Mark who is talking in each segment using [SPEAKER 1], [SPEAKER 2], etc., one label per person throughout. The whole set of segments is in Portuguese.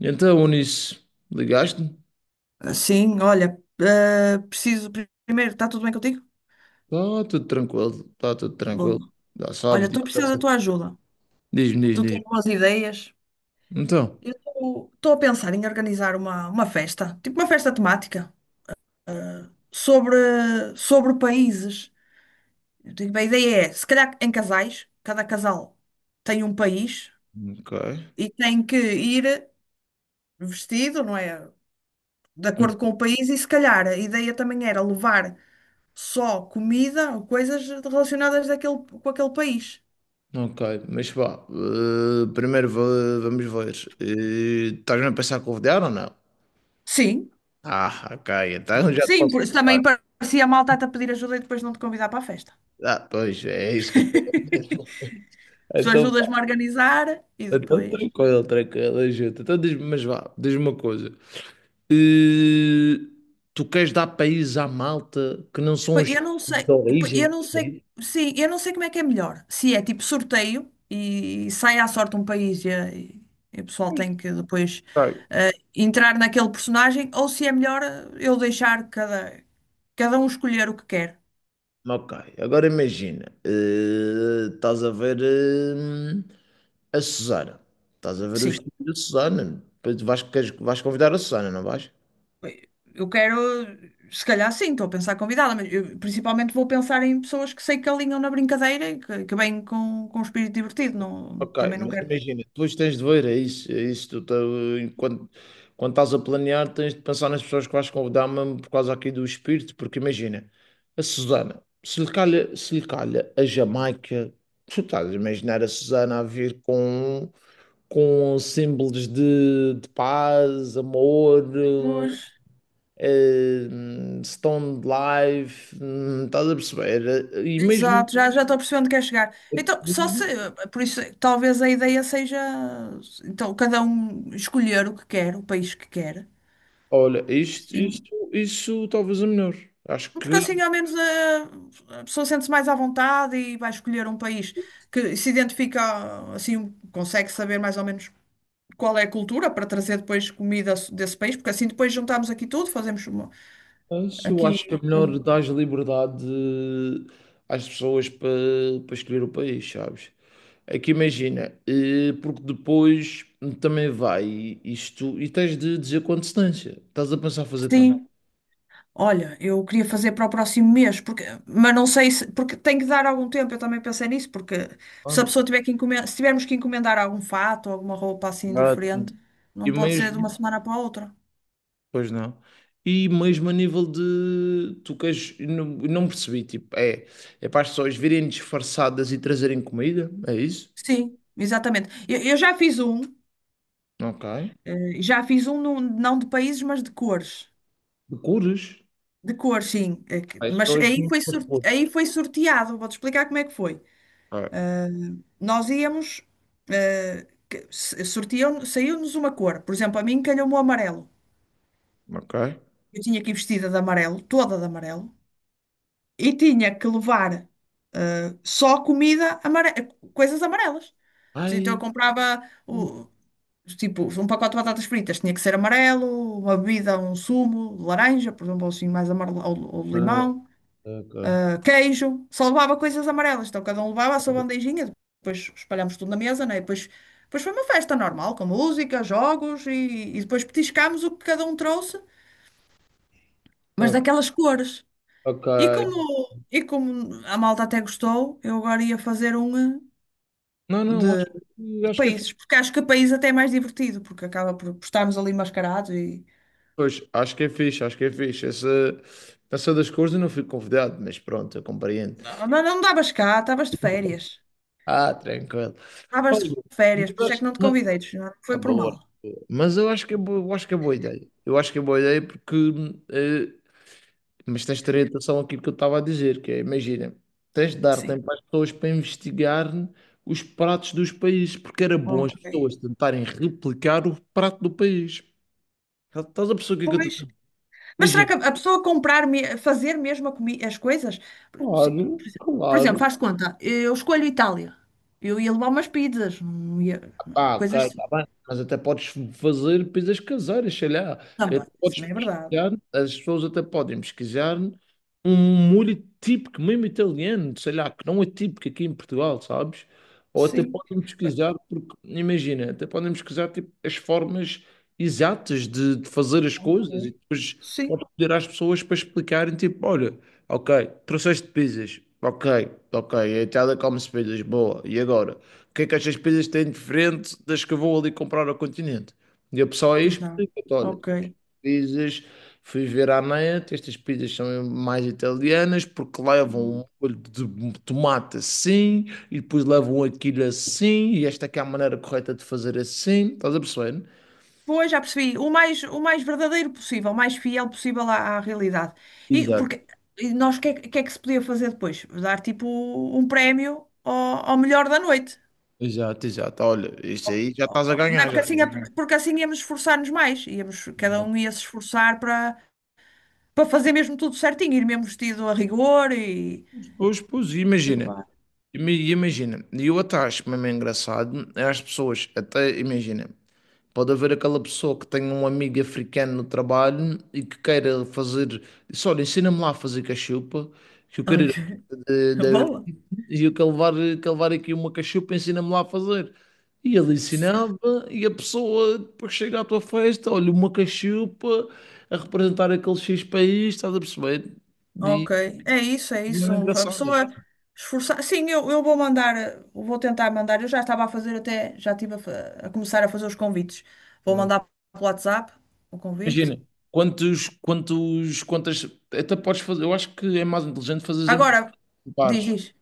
[SPEAKER 1] Então, Unis, ligaste-me?
[SPEAKER 2] Sim, olha, preciso primeiro, está tudo bem contigo?
[SPEAKER 1] Está tudo tranquilo, está tudo
[SPEAKER 2] Boa.
[SPEAKER 1] tranquilo. Já
[SPEAKER 2] Olha,
[SPEAKER 1] sabes,
[SPEAKER 2] estou a precisar da tua ajuda. Tu tens
[SPEAKER 1] diz-me.
[SPEAKER 2] boas ideias?
[SPEAKER 1] Então,
[SPEAKER 2] Eu estou a pensar em organizar uma festa, tipo uma festa temática, eh, sobre, sobre países. Eu digo, a ideia é, se calhar em casais, cada casal tem um país
[SPEAKER 1] ok.
[SPEAKER 2] e tem que ir vestido, não é? De
[SPEAKER 1] Hum.
[SPEAKER 2] acordo com o país, e se calhar a ideia também era levar só comida ou coisas relacionadas daquele, com aquele país.
[SPEAKER 1] Ok, mas vá, primeiro vamos ver. Estás-me a pensar convidar ou não?
[SPEAKER 2] Sim,
[SPEAKER 1] Ah, ok, então
[SPEAKER 2] claro
[SPEAKER 1] já
[SPEAKER 2] que
[SPEAKER 1] te
[SPEAKER 2] sim,
[SPEAKER 1] posso
[SPEAKER 2] por isso
[SPEAKER 1] falar.
[SPEAKER 2] também parecia mal estar-te a pedir ajuda e depois não te convidar para a festa.
[SPEAKER 1] Ah, pois, é isso que eu estou a dizer.
[SPEAKER 2] Tu
[SPEAKER 1] Então,
[SPEAKER 2] ajudas-me
[SPEAKER 1] vá,
[SPEAKER 2] a organizar e
[SPEAKER 1] então
[SPEAKER 2] depois.
[SPEAKER 1] tranquilo, tranquilo, ajuda. Então diz-me, mas vá, diz-me uma coisa. Eh, tu queres dar países à malta que não são
[SPEAKER 2] Pois,
[SPEAKER 1] os de
[SPEAKER 2] Pois, eu
[SPEAKER 1] origem?
[SPEAKER 2] não sei, sim, eu não sei como é que é melhor. Se é tipo sorteio e sai à sorte um país e o pessoal
[SPEAKER 1] Pois.
[SPEAKER 2] tem que depois
[SPEAKER 1] Ok.
[SPEAKER 2] eh, entrar naquele personagem, ou se é melhor eu deixar cada um escolher o que quer.
[SPEAKER 1] Ok, agora imagina, estás a ver a Susana, estás a ver o
[SPEAKER 2] Sim.
[SPEAKER 1] estilo da Susana, depois tu vais, vais convidar a Susana, não vais?
[SPEAKER 2] Eu quero, se calhar sim, estou a pensar convidada, mas eu principalmente vou pensar em pessoas que sei que alinham na brincadeira que vêm com um espírito divertido. Não,
[SPEAKER 1] Ok,
[SPEAKER 2] também não
[SPEAKER 1] mas
[SPEAKER 2] quero.
[SPEAKER 1] imagina, depois tens de ver, é isso, tu, tá, enquanto, quando estás a planear, tens de pensar nas pessoas que vais convidar mesmo por causa aqui do espírito, porque imagina, a Susana, se lhe calha a Jamaica, tu estás a imaginar a Susana a vir com símbolos de paz, amor,
[SPEAKER 2] Pois.
[SPEAKER 1] stone life, estás a perceber? E mesmo
[SPEAKER 2] Exato, já estou percebendo que é chegar. Então, só se, por isso, talvez a ideia seja, então, cada um escolher o que quer, o país que quer.
[SPEAKER 1] olha,
[SPEAKER 2] Sim.
[SPEAKER 1] isso talvez é melhor. Acho que
[SPEAKER 2] Porque assim, ao menos, a pessoa sente-se mais à vontade e vai escolher um país que se identifica, assim, consegue saber mais ou menos qual é a cultura para trazer depois comida desse país, porque assim depois juntamos aqui tudo, fazemos uma,
[SPEAKER 1] isso, acho que
[SPEAKER 2] aqui.
[SPEAKER 1] é melhor dar liberdade às pessoas para escolher o país, sabes? É que imagina, porque depois também vai isto e tens de dizer com antecedência. Estás a pensar fazer quando?
[SPEAKER 2] Sim, olha, eu queria fazer para o próximo mês, porque, mas não sei se, porque tem que dar algum tempo, eu também pensei nisso, porque se a
[SPEAKER 1] Quando?
[SPEAKER 2] pessoa tiver que encomendar, se tivermos que encomendar algum fato, alguma roupa assim
[SPEAKER 1] Agora.
[SPEAKER 2] diferente,
[SPEAKER 1] E
[SPEAKER 2] não pode ser de
[SPEAKER 1] mesmo,
[SPEAKER 2] uma semana para a outra.
[SPEAKER 1] pois não. E mesmo a nível de tu queres, eu não percebi, tipo, é, é para as pessoas virem disfarçadas e trazerem comida, é isso?
[SPEAKER 2] Sim, exatamente. Eu já fiz um,
[SPEAKER 1] Ok.
[SPEAKER 2] já fiz não de países, mas de cores.
[SPEAKER 1] De cores?
[SPEAKER 2] De cores, sim.
[SPEAKER 1] Ai,
[SPEAKER 2] Mas
[SPEAKER 1] só as
[SPEAKER 2] aí foi,
[SPEAKER 1] mesmas cores.
[SPEAKER 2] aí foi sorteado. Vou-te explicar como é que foi.
[SPEAKER 1] Ah,
[SPEAKER 2] Nós íamos, sortiam, saiu-nos uma cor. Por exemplo, a mim calhou-me o amarelo.
[SPEAKER 1] ok.
[SPEAKER 2] Eu tinha que ir vestida de amarelo, toda de amarelo, e tinha que levar só comida, coisas amarelas. Então eu
[SPEAKER 1] Ai,
[SPEAKER 2] comprava tipo um pacote de batatas fritas, tinha que ser amarelo, uma bebida, um sumo, de laranja, por exemplo, assim mais amarelo, ou de
[SPEAKER 1] ah,
[SPEAKER 2] limão.
[SPEAKER 1] ok.
[SPEAKER 2] Queijo, só levava coisas amarelas. Então cada um levava a sua bandejinha, depois espalhámos tudo na mesa, né? Depois foi uma festa normal, com música, jogos e depois petiscámos o que cada um trouxe, mas
[SPEAKER 1] Ah.
[SPEAKER 2] daquelas cores.
[SPEAKER 1] Ok.
[SPEAKER 2] E como, e como a malta até gostou, eu agora ia fazer um
[SPEAKER 1] Não, não,
[SPEAKER 2] de, de
[SPEAKER 1] acho que é fixe.
[SPEAKER 2] países, porque acho que país até é mais divertido, porque acaba por estarmos ali mascarados e.
[SPEAKER 1] Pois, acho que é fixe. Essa das cores eu não fui convidado, mas pronto, eu compreendo.
[SPEAKER 2] Não, não, não davas cá, estavas de férias.
[SPEAKER 1] Ah, tranquilo.
[SPEAKER 2] Estavas de
[SPEAKER 1] Olha, mas,
[SPEAKER 2] férias, por isso é
[SPEAKER 1] acho-
[SPEAKER 2] que não te
[SPEAKER 1] mas-
[SPEAKER 2] convidei, não
[SPEAKER 1] tá
[SPEAKER 2] foi por
[SPEAKER 1] bom.
[SPEAKER 2] mal.
[SPEAKER 1] Mas eu acho que é boa, eu acho que é boa ideia. Eu acho que é boa ideia porque eh, mas tens de ter atenção àquilo que eu estava a dizer, que é, imagina, tens de dar
[SPEAKER 2] Sim.
[SPEAKER 1] tempo às pessoas para investigar os pratos dos países, porque era bom as
[SPEAKER 2] Ok.
[SPEAKER 1] pessoas tentarem replicar o prato do país. Estás a pessoa que é que eu
[SPEAKER 2] Pois,
[SPEAKER 1] estou.
[SPEAKER 2] mas será
[SPEAKER 1] Imagina.
[SPEAKER 2] que a pessoa comprar, fazer mesmo as coisas? Se-
[SPEAKER 1] Claro,
[SPEAKER 2] Por exemplo,
[SPEAKER 1] claro.
[SPEAKER 2] faz de conta, eu escolho Itália. Eu ia levar umas pizzas, não é?
[SPEAKER 1] Pá, ok,
[SPEAKER 2] Coisas assim.
[SPEAKER 1] está bem, mas até podes fazer pizzas caseiras, sei lá. Até
[SPEAKER 2] Também. Isso
[SPEAKER 1] podes
[SPEAKER 2] não é verdade.
[SPEAKER 1] pesquisar, as pessoas até podem pesquisar um molho típico, mesmo italiano, sei lá, que não é típico aqui em Portugal, sabes? Ou até
[SPEAKER 2] Sim.
[SPEAKER 1] podem pesquisar, porque imagina, até podem pesquisar tipo, as formas exatas de fazer as coisas e
[SPEAKER 2] Ok.
[SPEAKER 1] depois
[SPEAKER 2] Sim.
[SPEAKER 1] podes pedir às pessoas para explicarem, tipo, olha, ok, trouxeste pizzas, ok, ok, a Itália come-se pizzas, boa, e agora? O que é que as despesas têm diferente das que eu vou ali comprar ao continente? E a pessoa aí
[SPEAKER 2] Exato.
[SPEAKER 1] explica, olha,
[SPEAKER 2] Ok.
[SPEAKER 1] pizzas, fui ver à net, estas pizzas são mais italianas porque levam um molho de tomate assim, e depois levam aquilo assim, e esta aqui é a maneira correta de fazer assim, estás a perceber?
[SPEAKER 2] Pois, já percebi. O mais verdadeiro possível, o mais fiel possível à realidade. E
[SPEAKER 1] Exato,
[SPEAKER 2] porque e nós, o que é que se podia fazer depois? Dar tipo um prémio ao melhor da noite.
[SPEAKER 1] exato. Olha, isto aí já estás a
[SPEAKER 2] Não é
[SPEAKER 1] ganhar, já
[SPEAKER 2] porque
[SPEAKER 1] estás
[SPEAKER 2] assim, é,
[SPEAKER 1] a ganhar.
[SPEAKER 2] porque assim íamos esforçar-nos mais, íamos, cada um ia se esforçar para fazer mesmo tudo certinho, ir mesmo vestido a rigor
[SPEAKER 1] Pois, pois,
[SPEAKER 2] e
[SPEAKER 1] imagina.
[SPEAKER 2] levar.
[SPEAKER 1] Imagina, e eu até acho mesmo engraçado é as pessoas, até imagina, pode haver aquela pessoa que tem um amigo africano no trabalho e que queira fazer. Disse, olha, ensina-me lá a fazer cachupa, que eu quero ir.
[SPEAKER 2] Ok,
[SPEAKER 1] de- de-
[SPEAKER 2] boa.
[SPEAKER 1] E eu quero levar aqui uma cachupa, ensina-me lá a fazer. E ele
[SPEAKER 2] Sim,
[SPEAKER 1] ensinava, e a pessoa depois chega à tua festa, olha, uma cachupa a representar aquele X país, estás a perceber? E
[SPEAKER 2] ok. É isso, é
[SPEAKER 1] não
[SPEAKER 2] isso.
[SPEAKER 1] é
[SPEAKER 2] A
[SPEAKER 1] engraçado.
[SPEAKER 2] pessoa esforçar. Sim, eu vou mandar, vou tentar mandar. Eu já estava a fazer até, já estive a, a começar a fazer os convites. Vou mandar pelo WhatsApp o convite.
[SPEAKER 1] Imagina, quantas. Até podes fazer, eu acho que é mais inteligente fazer em
[SPEAKER 2] Agora,
[SPEAKER 1] pares.
[SPEAKER 2] diz.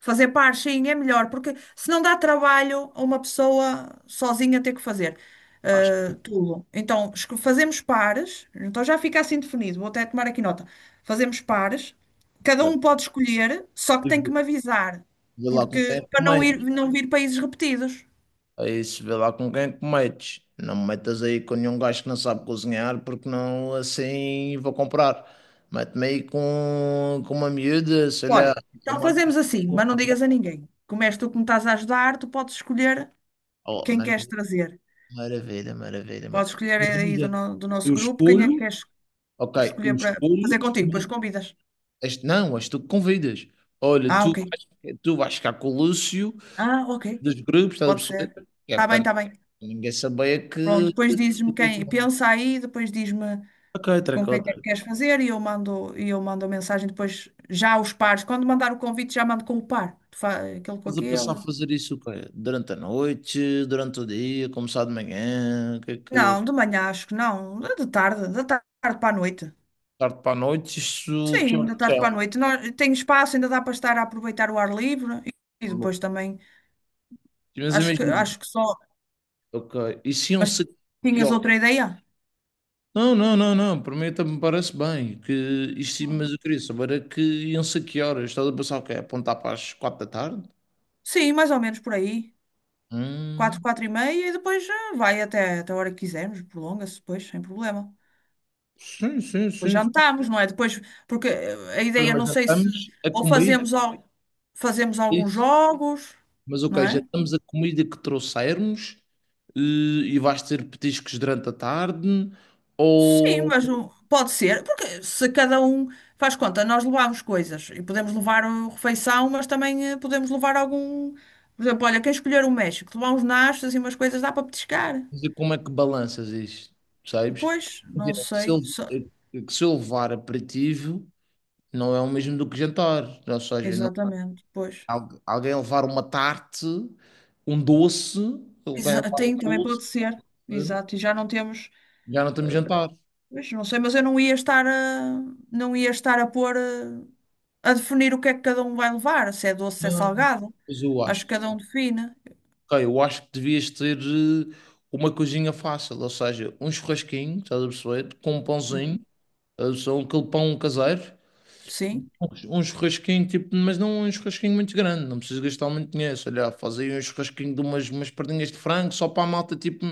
[SPEAKER 2] Fazer par, sim, é melhor, porque se não dá trabalho a uma pessoa sozinha ter que fazer tudo. Então, fazemos pares, então já fica assim definido, vou até tomar aqui nota. Fazemos pares, cada
[SPEAKER 1] É.
[SPEAKER 2] um pode escolher, só que
[SPEAKER 1] E
[SPEAKER 2] tem que me avisar,
[SPEAKER 1] Vê lá com
[SPEAKER 2] porque
[SPEAKER 1] quem
[SPEAKER 2] para não ir,
[SPEAKER 1] cometes.
[SPEAKER 2] não vir países repetidos.
[SPEAKER 1] É isso, vê lá com quem cometes. Não me metas aí com nenhum gajo que não sabe cozinhar, porque não assim vou comprar. Mete-me aí com uma miúda, sei lá,
[SPEAKER 2] Olha, então
[SPEAKER 1] uma amiga.
[SPEAKER 2] fazemos assim,
[SPEAKER 1] Tua,
[SPEAKER 2] mas
[SPEAKER 1] uma
[SPEAKER 2] não digas a
[SPEAKER 1] namorada.
[SPEAKER 2] ninguém. Como és tu que me estás a ajudar, tu podes escolher
[SPEAKER 1] Oh,
[SPEAKER 2] quem queres
[SPEAKER 1] maravilha,
[SPEAKER 2] trazer.
[SPEAKER 1] maravilha, maravilha.
[SPEAKER 2] Podes escolher
[SPEAKER 1] Mas
[SPEAKER 2] aí do,
[SPEAKER 1] imagina,
[SPEAKER 2] no- do nosso
[SPEAKER 1] eu
[SPEAKER 2] grupo quem é que
[SPEAKER 1] escolho,
[SPEAKER 2] queres
[SPEAKER 1] ok, eu
[SPEAKER 2] escolher para
[SPEAKER 1] escolho,
[SPEAKER 2] fazer contigo, depois convidas.
[SPEAKER 1] este, não, és tu que convidas. Olha,
[SPEAKER 2] Ah, ok.
[SPEAKER 1] tu vais ficar com o Lúcio
[SPEAKER 2] Ah, ok.
[SPEAKER 1] dos grupos, estás a
[SPEAKER 2] Pode ser.
[SPEAKER 1] perceber? Que é
[SPEAKER 2] Está bem,
[SPEAKER 1] para
[SPEAKER 2] está bem.
[SPEAKER 1] ninguém saber que.
[SPEAKER 2] Pronto, depois dizes-me quem. Pensa aí, depois diz-me
[SPEAKER 1] Ok, treco,
[SPEAKER 2] com quem é que
[SPEAKER 1] Tracó.
[SPEAKER 2] queres fazer e eu mando a mensagem depois já os pares. Quando mandar o convite, já mando com o par. Aquele com
[SPEAKER 1] Estás a passar a
[SPEAKER 2] aquele.
[SPEAKER 1] fazer isso o quê? Durante a noite, durante o dia, começar de manhã, o que é que.
[SPEAKER 2] Não, de manhã acho que não. De tarde, da tarde para a noite.
[SPEAKER 1] Tarde para a noite, isso
[SPEAKER 2] Sim,
[SPEAKER 1] que horas
[SPEAKER 2] da tarde para
[SPEAKER 1] são?
[SPEAKER 2] a noite. Tem espaço, ainda dá para estar a aproveitar o ar livre e depois também
[SPEAKER 1] Mas imagina,
[SPEAKER 2] acho que só.
[SPEAKER 1] ok, E se um
[SPEAKER 2] Mas
[SPEAKER 1] se que
[SPEAKER 2] tinhas
[SPEAKER 1] horas?
[SPEAKER 2] outra ideia?
[SPEAKER 1] Não, não, não, não, para mim também me parece bem, que isto, mas eu queria saber é que iam ser que horas? Estás a pensar o quê? Apontar para as quatro da tarde?
[SPEAKER 2] Sim, mais ou menos por aí. Quatro,
[SPEAKER 1] Hum,
[SPEAKER 2] 4h30 e depois ah, vai até, até a hora que quisermos, prolonga-se depois, sem problema.
[SPEAKER 1] sim, sim,
[SPEAKER 2] Depois
[SPEAKER 1] sim, sim.
[SPEAKER 2] jantamos, não é? Depois, porque a
[SPEAKER 1] Ah,
[SPEAKER 2] ideia,
[SPEAKER 1] mas
[SPEAKER 2] não
[SPEAKER 1] já
[SPEAKER 2] sei se,
[SPEAKER 1] estamos a
[SPEAKER 2] ou
[SPEAKER 1] comida,
[SPEAKER 2] fazemos, fazemos
[SPEAKER 1] é
[SPEAKER 2] alguns
[SPEAKER 1] isso.
[SPEAKER 2] jogos,
[SPEAKER 1] Mas
[SPEAKER 2] não
[SPEAKER 1] ok, já
[SPEAKER 2] é?
[SPEAKER 1] estamos a comida que trouxermos. E e vais ter petiscos durante a tarde
[SPEAKER 2] Sim,
[SPEAKER 1] ou
[SPEAKER 2] mas pode ser, porque se cada um faz conta, nós levamos coisas e podemos levar a refeição, mas também podemos levar algum. Por exemplo, olha, quem escolher o México, levar uns nachos e umas coisas, dá para petiscar.
[SPEAKER 1] quer dizer, como é que balanças isto, sabes?
[SPEAKER 2] Pois, não
[SPEAKER 1] Imagina
[SPEAKER 2] sei.
[SPEAKER 1] que se eu levar aperitivo não é o mesmo do que jantar, ou seja,
[SPEAKER 2] Exatamente, pois.
[SPEAKER 1] alguém levar uma tarte, um doce, alguém levar um
[SPEAKER 2] Tem, também
[SPEAKER 1] doce,
[SPEAKER 2] pode ser.
[SPEAKER 1] eh,
[SPEAKER 2] Exato, e já não temos,
[SPEAKER 1] já não estamos a
[SPEAKER 2] eh,
[SPEAKER 1] jantar.
[SPEAKER 2] pois, não sei, mas eu não ia estar a pôr, a definir o que é que cada um vai levar, se é doce, se é
[SPEAKER 1] Não,
[SPEAKER 2] salgado.
[SPEAKER 1] mas eu
[SPEAKER 2] Acho
[SPEAKER 1] acho,
[SPEAKER 2] que cada
[SPEAKER 1] que-
[SPEAKER 2] um define.
[SPEAKER 1] ok, eu acho que devias ter uma coisinha fácil, ou seja, um churrasquinho, estás a perceber, com um pãozinho,
[SPEAKER 2] Uhum.
[SPEAKER 1] estás a perceber, aquele pão caseiro.
[SPEAKER 2] Sim,
[SPEAKER 1] Um churrasquinho, tipo, mas não um churrasquinho muito grande, não precisas gastar muito dinheiro. Sei lá, faz aí um churrasquinho de umas perninhas de frango só para a malta, tipo,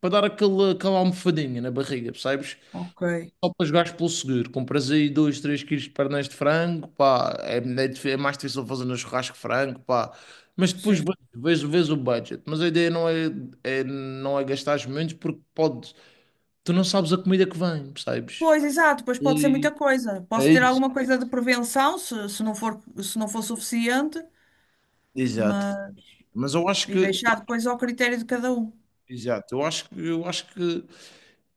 [SPEAKER 1] para dar aquele, aquela almofadinha na barriga, percebes?
[SPEAKER 2] ok,
[SPEAKER 1] Só para jogares pelo seguro. Compras aí 2, 3 quilos de pernas de frango, pá, é mais difícil fazer no churrasco frango, pá. Mas depois
[SPEAKER 2] sim.
[SPEAKER 1] vês o budget. Mas a ideia não é, não é gastares muito porque pode, tu não sabes a comida que vem, percebes?
[SPEAKER 2] Pois, exato, pois pode ser muita
[SPEAKER 1] E
[SPEAKER 2] coisa.
[SPEAKER 1] é
[SPEAKER 2] Posso ter
[SPEAKER 1] isso.
[SPEAKER 2] alguma coisa de prevenção, se não for suficiente,
[SPEAKER 1] Exato.
[SPEAKER 2] mas,
[SPEAKER 1] Mas eu acho
[SPEAKER 2] e
[SPEAKER 1] que
[SPEAKER 2] deixar depois ao critério de cada um.
[SPEAKER 1] exato, eu acho que,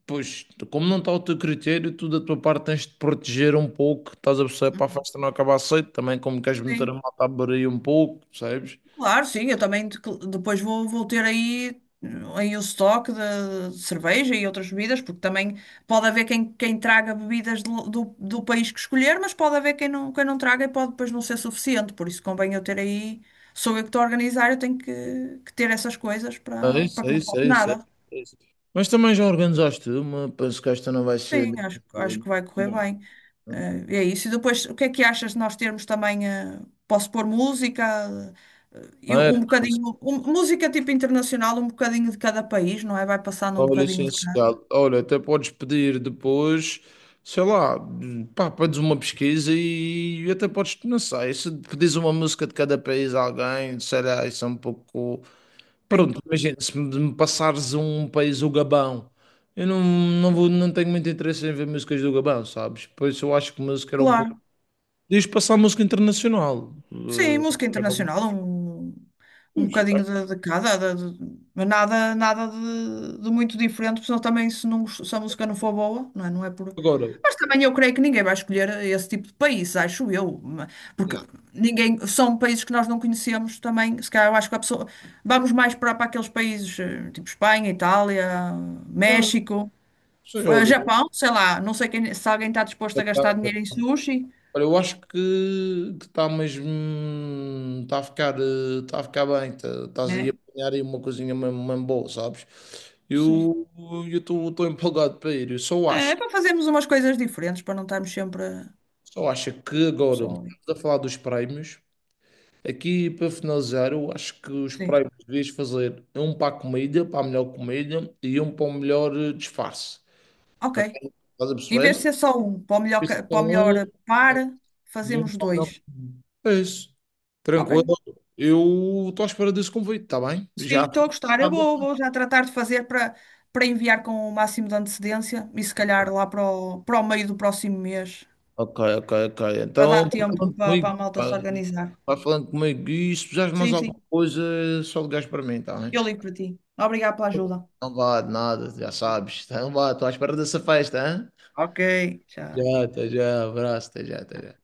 [SPEAKER 1] pois, como não está ao teu critério, tu da tua parte tens de proteger um pouco, estás a perceber, para a
[SPEAKER 2] Uhum.
[SPEAKER 1] festa não acabar cedo, também como queres meter a
[SPEAKER 2] Sim.
[SPEAKER 1] malta a beber aí um pouco, percebes?
[SPEAKER 2] Claro, sim, eu também depois vou ter aí o estoque de cerveja e outras bebidas, porque também pode haver quem traga bebidas do país que escolher, mas pode haver quem não traga e pode depois não ser suficiente, por isso convém eu ter aí, sou eu que estou a organizar, eu tenho que ter essas coisas para que não falte
[SPEAKER 1] É
[SPEAKER 2] nada.
[SPEAKER 1] isso. Mas também já organizaste uma, penso que esta não vai
[SPEAKER 2] Sim,
[SPEAKER 1] ser...
[SPEAKER 2] acho que vai correr
[SPEAKER 1] Bom,
[SPEAKER 2] bem. É isso. E depois, o que é que achas de nós termos também? Posso pôr música,
[SPEAKER 1] não
[SPEAKER 2] e
[SPEAKER 1] é?
[SPEAKER 2] um bocadinho, música tipo internacional, um bocadinho de cada país, não é? Vai passando um
[SPEAKER 1] Ó,
[SPEAKER 2] bocadinho de cada.
[SPEAKER 1] licenciado, olha, até podes pedir depois, sei lá, pá, pedes uma pesquisa e até podes, não sei, se pedires uma música de cada país a alguém, sei lá, isso é um pouco.
[SPEAKER 2] Sim,
[SPEAKER 1] Pronto, imagina, se me passares um país, o Gabão, eu não, não vou, não tenho muito interesse em ver músicas do Gabão, sabes? Por isso eu acho que música era um pouco.
[SPEAKER 2] claro.
[SPEAKER 1] Diz passar música internacional.
[SPEAKER 2] Sim, música
[SPEAKER 1] Era um-
[SPEAKER 2] internacional, um bocadinho de cada, mas nada de muito diferente, porque senão também se, não, se a música não for boa, não é por.
[SPEAKER 1] Agora,
[SPEAKER 2] Mas também eu creio que ninguém vai escolher esse tipo de país, acho eu, porque
[SPEAKER 1] não,
[SPEAKER 2] ninguém, são países que nós não conhecemos também, se calhar eu acho que a pessoa, vamos mais para aqueles países, tipo Espanha, Itália,
[SPEAKER 1] não,
[SPEAKER 2] México,
[SPEAKER 1] sei,
[SPEAKER 2] Japão, sei lá, não sei quem, se alguém está disposto a gastar dinheiro em
[SPEAKER 1] olha,
[SPEAKER 2] sushi,
[SPEAKER 1] olha, eu acho que está mesmo. Está a ficar, tá a ficar bem. Estás aí a
[SPEAKER 2] né?
[SPEAKER 1] apanhar aí uma coisinha mesmo, mesmo boa, sabes?
[SPEAKER 2] Sim.
[SPEAKER 1] Eu eu estou empolgado para ir. Eu
[SPEAKER 2] É para fazermos umas coisas diferentes, para não estarmos sempre
[SPEAKER 1] só acho que agora,
[SPEAKER 2] só.
[SPEAKER 1] estamos a falar dos prémios. Aqui para finalizar, eu acho que os
[SPEAKER 2] Sim.
[SPEAKER 1] prémios devias fazer um para a comida, para a melhor comida, e um para o melhor disfarce.
[SPEAKER 2] Ok.
[SPEAKER 1] Para quem estás a
[SPEAKER 2] Em vez de
[SPEAKER 1] perceber?
[SPEAKER 2] ser só um, para o melhor par,
[SPEAKER 1] E eu
[SPEAKER 2] fazemos
[SPEAKER 1] como
[SPEAKER 2] dois.
[SPEAKER 1] não. É isso.
[SPEAKER 2] Ok.
[SPEAKER 1] Tranquilo. Eu estou à espera desse convite, está bem?
[SPEAKER 2] Sim,
[SPEAKER 1] Já.
[SPEAKER 2] estou
[SPEAKER 1] Tá
[SPEAKER 2] a gostar. Eu
[SPEAKER 1] bom.
[SPEAKER 2] vou, vou já tratar de fazer para enviar com o máximo de antecedência e se calhar lá para o meio do próximo mês,
[SPEAKER 1] Ok, ok, ok.
[SPEAKER 2] para
[SPEAKER 1] Então,
[SPEAKER 2] dar
[SPEAKER 1] vai falando
[SPEAKER 2] tempo para
[SPEAKER 1] comigo.
[SPEAKER 2] a malta se organizar.
[SPEAKER 1] Vai falando comigo. E se precisares de mais
[SPEAKER 2] Sim,
[SPEAKER 1] alguma
[SPEAKER 2] sim.
[SPEAKER 1] coisa, é só ligares para mim, está bem?
[SPEAKER 2] Eu ligo para ti. Obrigada pela ajuda.
[SPEAKER 1] Não vá de nada, já sabes. Então vá, estou à espera dessa festa, hein?
[SPEAKER 2] Ok, tchau.
[SPEAKER 1] Já, até já. Abraço, até já, até já.